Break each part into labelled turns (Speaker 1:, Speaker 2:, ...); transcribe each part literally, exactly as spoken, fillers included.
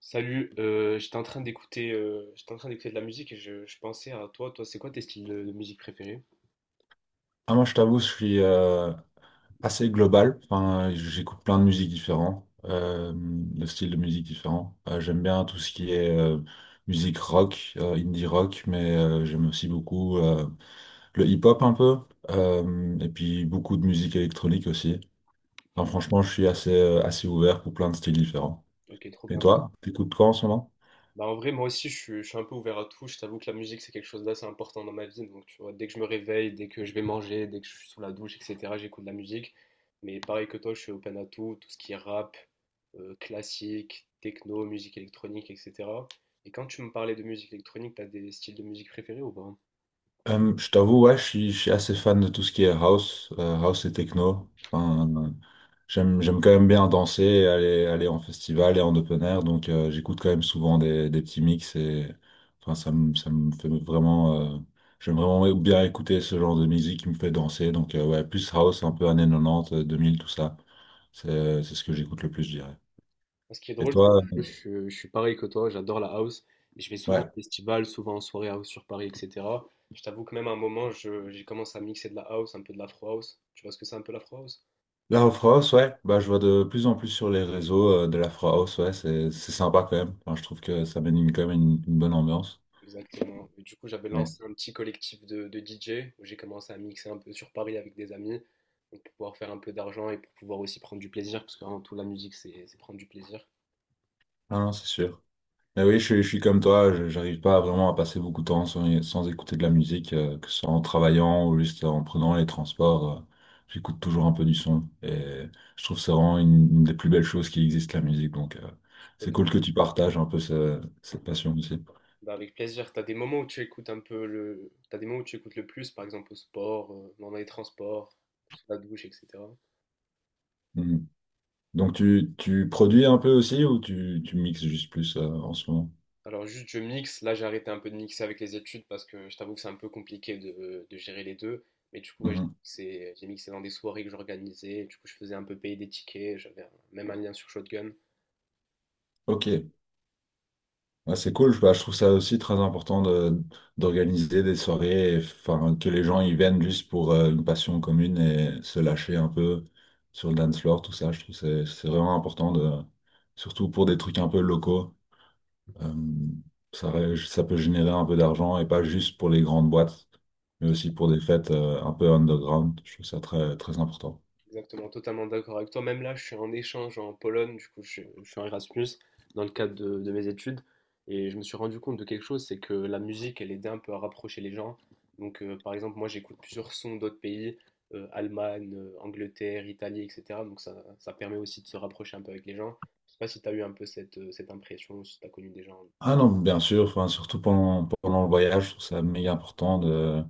Speaker 1: Salut, euh, j'étais en train d'écouter euh, j'étais en train d'écouter de la musique et je, je pensais à toi. Toi, c'est quoi tes styles de, de musique préférés?
Speaker 2: Ah, moi, je t'avoue, je suis euh, assez global. Enfin, euh, j'écoute plein de musiques différentes, euh, de styles de musique différents. Euh, j'aime bien tout ce qui est euh, musique rock, euh, indie rock, mais euh, j'aime aussi beaucoup euh, le hip-hop un peu, euh, et puis beaucoup de musique électronique aussi. Enfin, franchement, je suis assez, euh, assez ouvert pour plein de styles différents.
Speaker 1: Ok, trop
Speaker 2: Et
Speaker 1: bien.
Speaker 2: toi, t'écoutes quoi en ce moment?
Speaker 1: Bah en vrai, moi aussi, je suis, je suis un peu ouvert à tout. Je t'avoue que la musique, c'est quelque chose d'assez important dans ma vie. Donc, tu vois, dès que je me réveille, dès que je vais manger, dès que je suis sous la douche, et cetera, j'écoute de la musique. Mais pareil que toi, je suis open à tout, tout ce qui est rap, euh, classique, techno, musique électronique, et cetera. Et quand tu me parlais de musique électronique, t'as des styles de musique préférés ou pas? Moi,
Speaker 2: Euh, je t'avoue, ouais, je suis, je suis assez fan de tout ce qui est house, euh, house et techno. Enfin, euh, j'aime, j'aime quand même bien danser, et aller, aller en festival et en open air, donc euh, j'écoute quand même souvent des, des petits mix et enfin, ça me, ça me fait vraiment, euh, j'aime vraiment bien écouter ce genre de musique qui me fait danser, donc euh, ouais, plus house, un peu années quatre-vingt-dix, euh, deux mille, tout ça. C'est, c'est ce que j'écoute le plus, je dirais.
Speaker 1: ce qui est
Speaker 2: Et
Speaker 1: drôle, c'est
Speaker 2: toi? euh,
Speaker 1: que je, suis je suis pareil que toi, j'adore la house. Et je vais souvent au
Speaker 2: Ouais.
Speaker 1: festival, souvent en soirée house sur Paris, et cetera. Je t'avoue que même à un moment, je- j'ai commencé à mixer de la house, un peu de l'afro house. Tu vois ce que c'est un peu l'afro house?
Speaker 2: La Afro House, ouais, bah, je vois de plus en plus sur les réseaux euh, de la Afro House, ouais, c'est c'est sympa quand même. Enfin, je trouve que ça mène une- quand même une, une bonne ambiance.
Speaker 1: Exactement. Et du coup, j'avais
Speaker 2: Ouais.
Speaker 1: lancé un petit collectif de, de D J où j'ai commencé à mixer un peu sur Paris avec des amis, donc pour pouvoir faire un peu d'argent et pour pouvoir aussi prendre du plaisir parce qu'avant tout, la musique, c'est c'est prendre du plaisir.
Speaker 2: Ah non, c'est sûr. Mais oui, je, suis je suis comme toi, je- j'arrive pas vraiment à passer beaucoup de temps sans, sans écouter de la musique, euh, que ce soit en travaillant ou juste en prenant les transports. Euh, j'écoute toujours un peu du son et je trouve que c'est vraiment une, une des plus belles choses qui existent, la musique. Donc, euh, c'est cool
Speaker 1: Totalement.
Speaker 2: que tu partages un peu ce- cette passion aussi.
Speaker 1: Bah, avec plaisir. T'as des moments où tu écoutes un peu le, t'as des moments où tu écoutes le plus, par exemple au sport, euh, dans les transports, sous la douche, et cetera.
Speaker 2: Mm. Donc tu, tu produis un peu aussi ou tu, tu mixes juste plus euh, en ce moment?
Speaker 1: Alors juste je mixe, là j'ai arrêté un peu de mixer avec les études parce que je t'avoue que c'est un peu compliqué de, de gérer les deux. Mais du coup ouais, j'ai
Speaker 2: Mhm.
Speaker 1: mixé, j'ai mixé dans des soirées que j'organisais, du coup je faisais un peu payer des tickets, j'avais un- même un lien sur Shotgun.
Speaker 2: Ok, ah, c'est cool. Bah, je trouve ça aussi très important de, d'organiser des soirées, et, enfin, que les gens y viennent juste pour euh, une passion commune et se lâcher un peu sur le dance floor, tout ça. Je trouve que c'est c'est vraiment important, de, surtout pour des trucs un peu locaux. Euh, ça, ré- Ça peut générer un peu d'argent et pas juste pour les grandes boîtes, mais aussi pour des fêtes euh, un peu underground. Je trouve ça très, très important.
Speaker 1: Exactement, totalement d'accord avec toi. Même là, je suis en échange en Pologne, du coup, je, suis- je suis en Erasmus dans le cadre de, de mes études. Et je me suis rendu compte de quelque chose, c'est que la musique, elle aidait un peu à rapprocher les gens. Donc, euh, par exemple, moi, j'écoute plusieurs sons d'autres pays, euh, Allemagne, euh, Angleterre, Italie, et cetera. Donc, ça, ça permet aussi de se rapprocher un peu avec les gens. Je sais pas si tu as eu un peu cette, euh, cette impression, si tu as connu des gens.
Speaker 2: Ah non, bien sûr, enfin, surtout pendant, pendant le voyage, je trouve ça méga important de,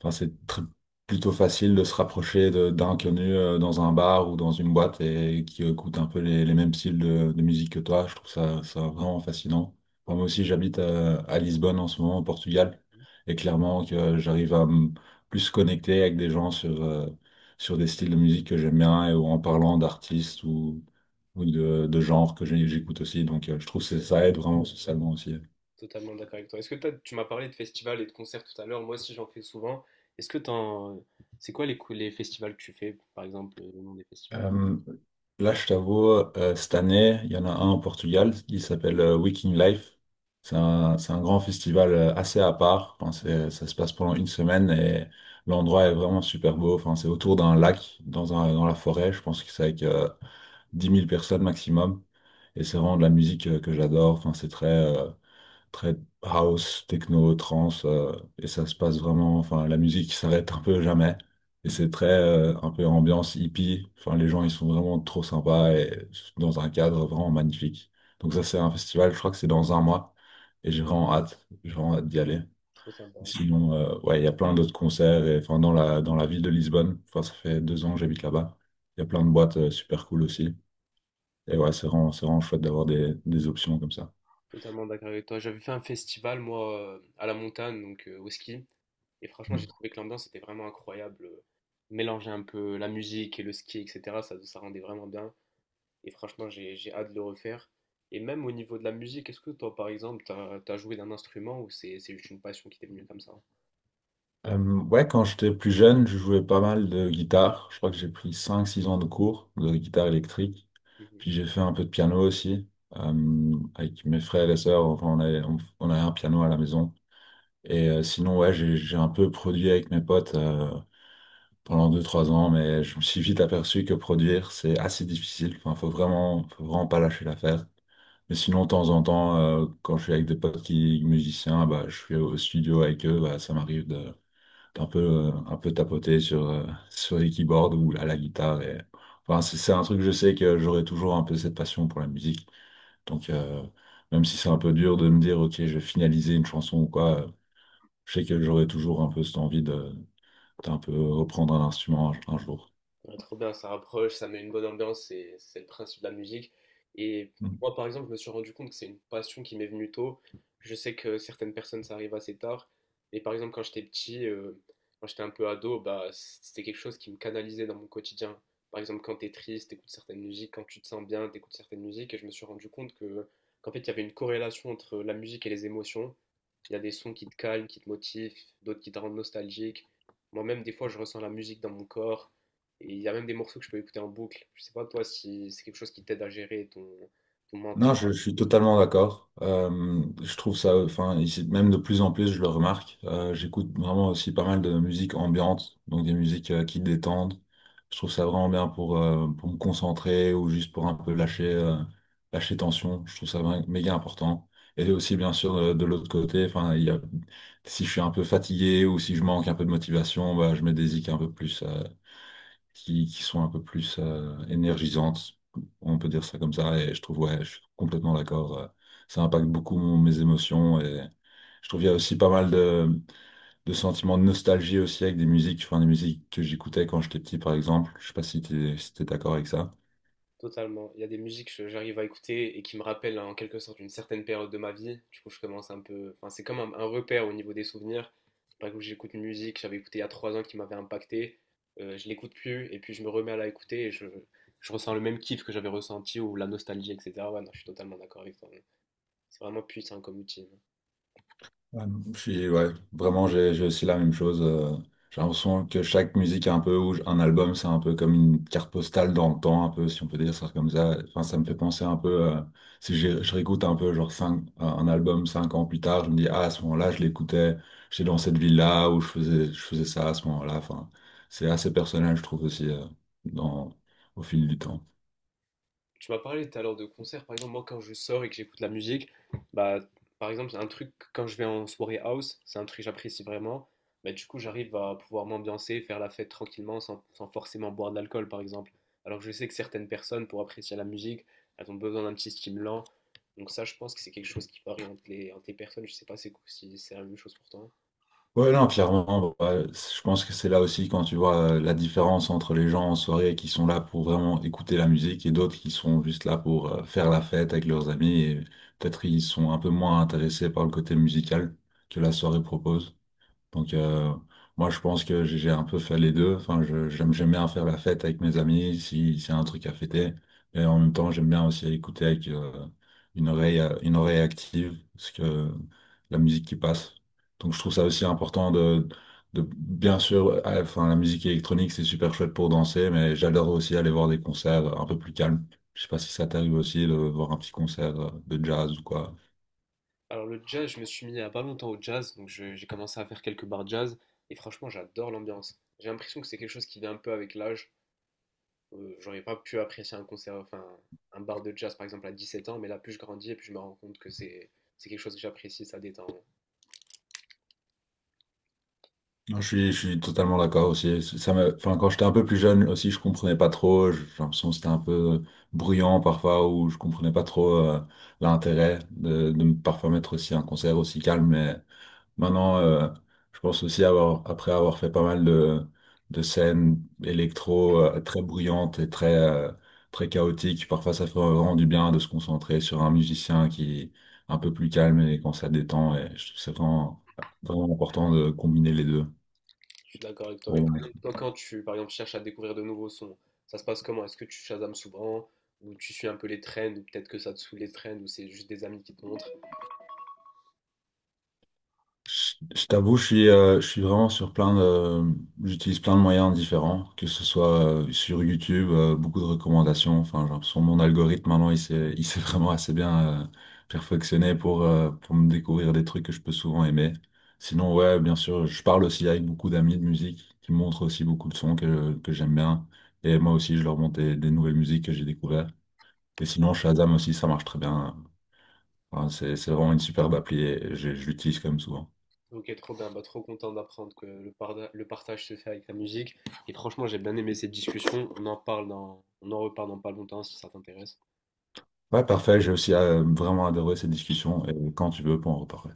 Speaker 2: enfin, c'est très- plutôt facile de se rapprocher de- d'inconnus euh, dans un bar ou dans une boîte et qui écoute un peu les, les mêmes styles de, de musique que toi. Je trouve ça, ça vraiment fascinant. Enfin, moi aussi, j'habite à, à Lisbonne en ce moment, au Portugal, et clairement que j'arrive à me plus connecter avec des gens sur, euh, sur des styles de musique que j'aime bien et, ou en parlant d'artistes ou ou de, de genre que j'ai- j'écoute aussi. Donc, euh, je trouve que ça aide vraiment socialement aussi.
Speaker 1: Totalement d'accord avec toi. Est-ce que t'as- tu m'as parlé de festivals et de concerts tout à l'heure, moi aussi j'en fais souvent. Est-ce que t'en... C'est quoi les, cou- les festivals que tu fais, par exemple, euh, le nom des festivals?
Speaker 2: Euh, Là, je t'avoue, euh, cette année, il y en a un au Portugal, il s'appelle euh, Waking Life. C'est un, c'est un grand festival euh, assez à part. Enfin, c'est- ça se passe pendant une semaine et l'endroit est vraiment super beau. Enfin, c'est autour d'un lac, dans un, dans la forêt. Je pense que c'est avec euh, dix mille personnes maximum. Et c'est vraiment de la musique euh, que j'adore. Enfin, c'est très, euh, très house, techno, trance, euh, et ça se passe vraiment, enfin, la musique s'arrête un peu jamais, et c'est très, euh, un peu ambiance hippie, enfin, les gens, ils sont vraiment trop sympas, et dans un cadre vraiment magnifique. Donc ça, c'est un festival, je crois que c'est dans un mois, et j'ai vraiment hâte, j'ai vraiment hâte d'y aller.
Speaker 1: Trop sympa.
Speaker 2: Sinon, euh, ouais, il y a plein d'autres concerts, et enfin, dans la, dans la ville de Lisbonne, enfin, ça fait deux ans que j'habite là-bas, il y a plein de boîtes, euh, super cool aussi, et ouais, c'est vraiment, c'est vraiment chouette d'avoir des, des options comme ça.
Speaker 1: Totalement d'accord avec toi. J'avais fait un festival, moi, euh, à la montagne, donc euh, au ski. Et franchement, j'ai
Speaker 2: Mm.
Speaker 1: trouvé que l'ambiance était vraiment incroyable. euh, Mélanger un peu la musique et le ski, et cetera, ça, ça rendait vraiment bien. Et franchement, j'ai, j'ai hâte de le refaire. Et même au niveau de la musique, est-ce que toi, par exemple, t'as, as joué d'un instrument ou c'est, c'est juste une passion qui t'est venue comme ça?
Speaker 2: Euh, ouais, quand j'étais plus jeune, je jouais pas mal de guitare. Je crois que j'ai pris cinq six ans de cours de guitare électrique. Puis j'ai fait un peu de piano aussi. Euh, avec mes frères et les sœurs, enfin, on avait, on, on avait un piano à la maison. Et euh, sinon, ouais, j'ai, j'ai un peu produit avec mes potes euh, pendant deux trois ans, mais je me suis vite aperçu que produire, c'est assez difficile. Enfin, faut vraiment, faut vraiment pas lâcher l'affaire. Mais sinon, de temps en temps, euh, quand je suis avec des potes qui musiciens, bah, je suis au studio avec eux, bah, ça m'arrive de un peu, euh, un peu tapoter sur, euh, sur les keyboards ou à la guitare. Et... Enfin, c'est c'est un truc, je sais que j'aurai toujours un peu cette passion pour la musique. Donc, euh, même si c'est un peu dur de me dire, OK, je vais finaliser une chanson ou quoi, euh, je sais que j'aurai toujours un peu cette envie de, d'un peu reprendre un instrument un, un jour.
Speaker 1: Ah, trop bien, ça rapproche, ça met une bonne ambiance, c'est c'est le principe de la musique. Et moi, par exemple, je me suis rendu compte que c'est une passion qui m'est venue tôt. Je sais que certaines personnes, ça arrive assez tard. Mais par exemple, quand j'étais petit, euh, quand j'étais un peu ado, bah, c'était quelque chose qui me canalisait dans mon quotidien. Par exemple, quand t'es triste, t'écoutes certaines musiques, quand tu te sens bien, t'écoutes certaines musiques. Et je me suis rendu compte que, qu'en fait, il y avait une corrélation entre la musique et les émotions. Il y a des sons qui te calment, qui te motivent, d'autres qui te rendent nostalgique. Moi-même, des fois, je ressens la musique dans mon corps. Et il y a même des morceaux que je peux écouter en boucle. Je sais pas toi si c'est quelque chose qui t'aide à gérer ton, ton mental?
Speaker 2: Non, je, je suis totalement d'accord. Euh, je trouve ça, enfin, ici- même de plus en plus, je le remarque. Euh, j'écoute vraiment aussi pas mal de musique ambiante, donc des musiques euh, qui détendent. Je trouve ça vraiment bien pour, euh, pour me concentrer ou juste pour un peu lâcher, euh, lâcher tension. Je trouve ça vra- méga important. Et aussi, bien sûr, euh, de, l'autre côté, enfin, il y a, si je suis un peu fatigué ou si je manque un peu de motivation, bah, je mets des zik un peu plus, euh, qui, qui sont un peu plus euh, énergisantes, on peut dire ça comme ça, et je trouve, ouais, je suis complètement d'accord, euh, ça impacte beaucoup mon- mes émotions, et je trouve qu'il y a aussi pas mal de, de sentiments de nostalgie aussi avec des musiques, enfin des musiques que j'écoutais quand j'étais petit par exemple, je sais pas si t'es, si t'es d'accord avec ça.
Speaker 1: Totalement. Il y a des musiques que j'arrive à écouter et qui me rappellent en quelque sorte une certaine période de ma vie. Du coup, je commence un peu. Enfin, c'est comme un, un repère au niveau des souvenirs. Par exemple, j'écoute une musique que j'avais écoutée il y a trois ans qui m'avait impacté. Euh, je l'écoute plus et puis je me remets à la écouter et je, je ressens le même kiff que j'avais ressenti ou la nostalgie, et cetera. Ouais, non, je suis totalement d'accord avec toi. C'est vraiment puissant comme outil, hein.
Speaker 2: Ouais, je suis- ouais, vraiment, j'ai j'ai aussi la même chose. Euh, j'ai l'impression que chaque musique est un peu, ou un album, c'est un peu comme une carte postale dans le temps, un peu, si on peut dire ça comme ça. Enfin, ça me fait penser un peu, euh, si je je réécoute un peu, genre, cinq, un un album cinq ans plus tard, je me dis, ah, à ce moment-là, je l'écoutais, j'étais dans cette ville-là, où je faisais, je faisais ça à ce moment-là. Enfin, c'est assez personnel, je trouve aussi, euh, dans, au fil du temps.
Speaker 1: Tu m'as parlé tout à l'heure de concert. Par exemple, moi, quand je sors et que j'écoute la musique, bah, par exemple, c'est un truc, quand je vais en soirée house, c'est un truc que j'apprécie vraiment. Bah, du coup, j'arrive à pouvoir m'ambiancer, faire la fête tranquillement sans, sans forcément boire de l'alcool, par exemple. Alors que je sais que certaines personnes, pour apprécier la musique, elles ont besoin d'un petit stimulant. Donc ça, je pense que c'est quelque chose qui varie entre les, entre les, personnes. Je sais pas c'est- si c'est la même chose pour toi.
Speaker 2: Ouais, non, clairement, ouais, c- je pense que c'est là aussi quand tu vois euh, la différence entre les gens en soirée qui sont là pour vraiment écouter la musique et d'autres qui sont juste là pour euh, faire la fête avec leurs amis et peut-être ils sont un peu moins intéressés par le côté musical que la soirée propose. Donc, euh, moi, je pense que j'ai j'ai un peu fait les deux. Enfin, je- j'aime, j'aime bien faire la fête avec mes amis si c'est un truc à fêter. Et en même temps, j'aime bien aussi écouter avec euh, une oreille, euh, une oreille active, parce que la musique qui passe. Donc, je trouve ça aussi important de, de bien sûr, euh, enfin, la musique électronique, c'est super chouette pour danser, mais j'adore aussi aller voir des concerts un peu plus calmes. Je sais pas si ça t'arrive aussi de voir un petit concert euh, de jazz ou quoi.
Speaker 1: Alors le jazz, je me suis mis il y a pas longtemps au jazz, donc je- j'ai commencé à faire quelques bars jazz, et franchement, j'adore l'ambiance. J'ai l'impression que c'est quelque chose qui vient un peu avec l'âge. Euh, j'aurais pas pu apprécier un concert, enfin un bar de jazz par exemple à dix sept ans, mais là plus je grandis et plus je me rends compte que c'est c'est quelque chose que j'apprécie, ça détend.
Speaker 2: Non, Je suis, je suis totalement d'accord aussi. Ça me, enfin, quand j'étais un peu plus jeune aussi, je comprenais pas trop. J'ai l'impression que c'était un peu euh, bruyant parfois, ou je comprenais pas trop euh, l'intérêt de, de me parfois mettre aussi un concert aussi calme. Mais maintenant, euh, je pense aussi avoir, après avoir fait pas mal de, de scènes électro euh, très bruyantes et très, euh, très chaotiques, parfois ça fait vraiment du bien de se concentrer sur un musicien qui est un peu plus calme et quand ça détend. Et je trouve que c'est vraiment, vraiment important de combiner les deux.
Speaker 1: Je suis d'accord avec toi. Mais par
Speaker 2: Bon,
Speaker 1: exemple, toi, quand tu par exemple cherches à découvrir de nouveaux sons, ça se passe comment? Est-ce que tu shazames souvent ou tu suis un peu les trends ou peut-être que ça te saoule les trends ou c'est juste des amis qui te montrent?
Speaker 2: je, je t'avoue, je suis, euh, je suis vraiment sur plein de, j'utilise plein de moyens différents, que ce soit euh, sur YouTube, euh, beaucoup de recommandations. Enfin, j'ai l'impression que mon algorithme maintenant, il s'est, il s'est vraiment assez bien euh, perfectionné pour, euh, pour me découvrir des trucs que je peux souvent aimer. Sinon, ouais, bien sûr, je parle aussi avec beaucoup d'amis de musique qui me montrent aussi beaucoup de sons que, que j'aime bien. Et moi aussi, je leur montre des, des nouvelles musiques que j'ai découvertes. Et sinon, Shazam aussi, ça marche très bien. Enfin, c'est, c'est vraiment une superbe appli et je je l'utilise quand même souvent.
Speaker 1: Ok, trop bien, bah, trop content d'apprendre que le, parda- le partage se fait avec la musique. Et franchement, j'ai bien aimé cette discussion. On en parle dans, on en reparle dans pas longtemps si ça t'intéresse.
Speaker 2: Ouais, parfait. J'ai aussi euh, vraiment adoré cette discussion et quand tu veux, on peut en reparler.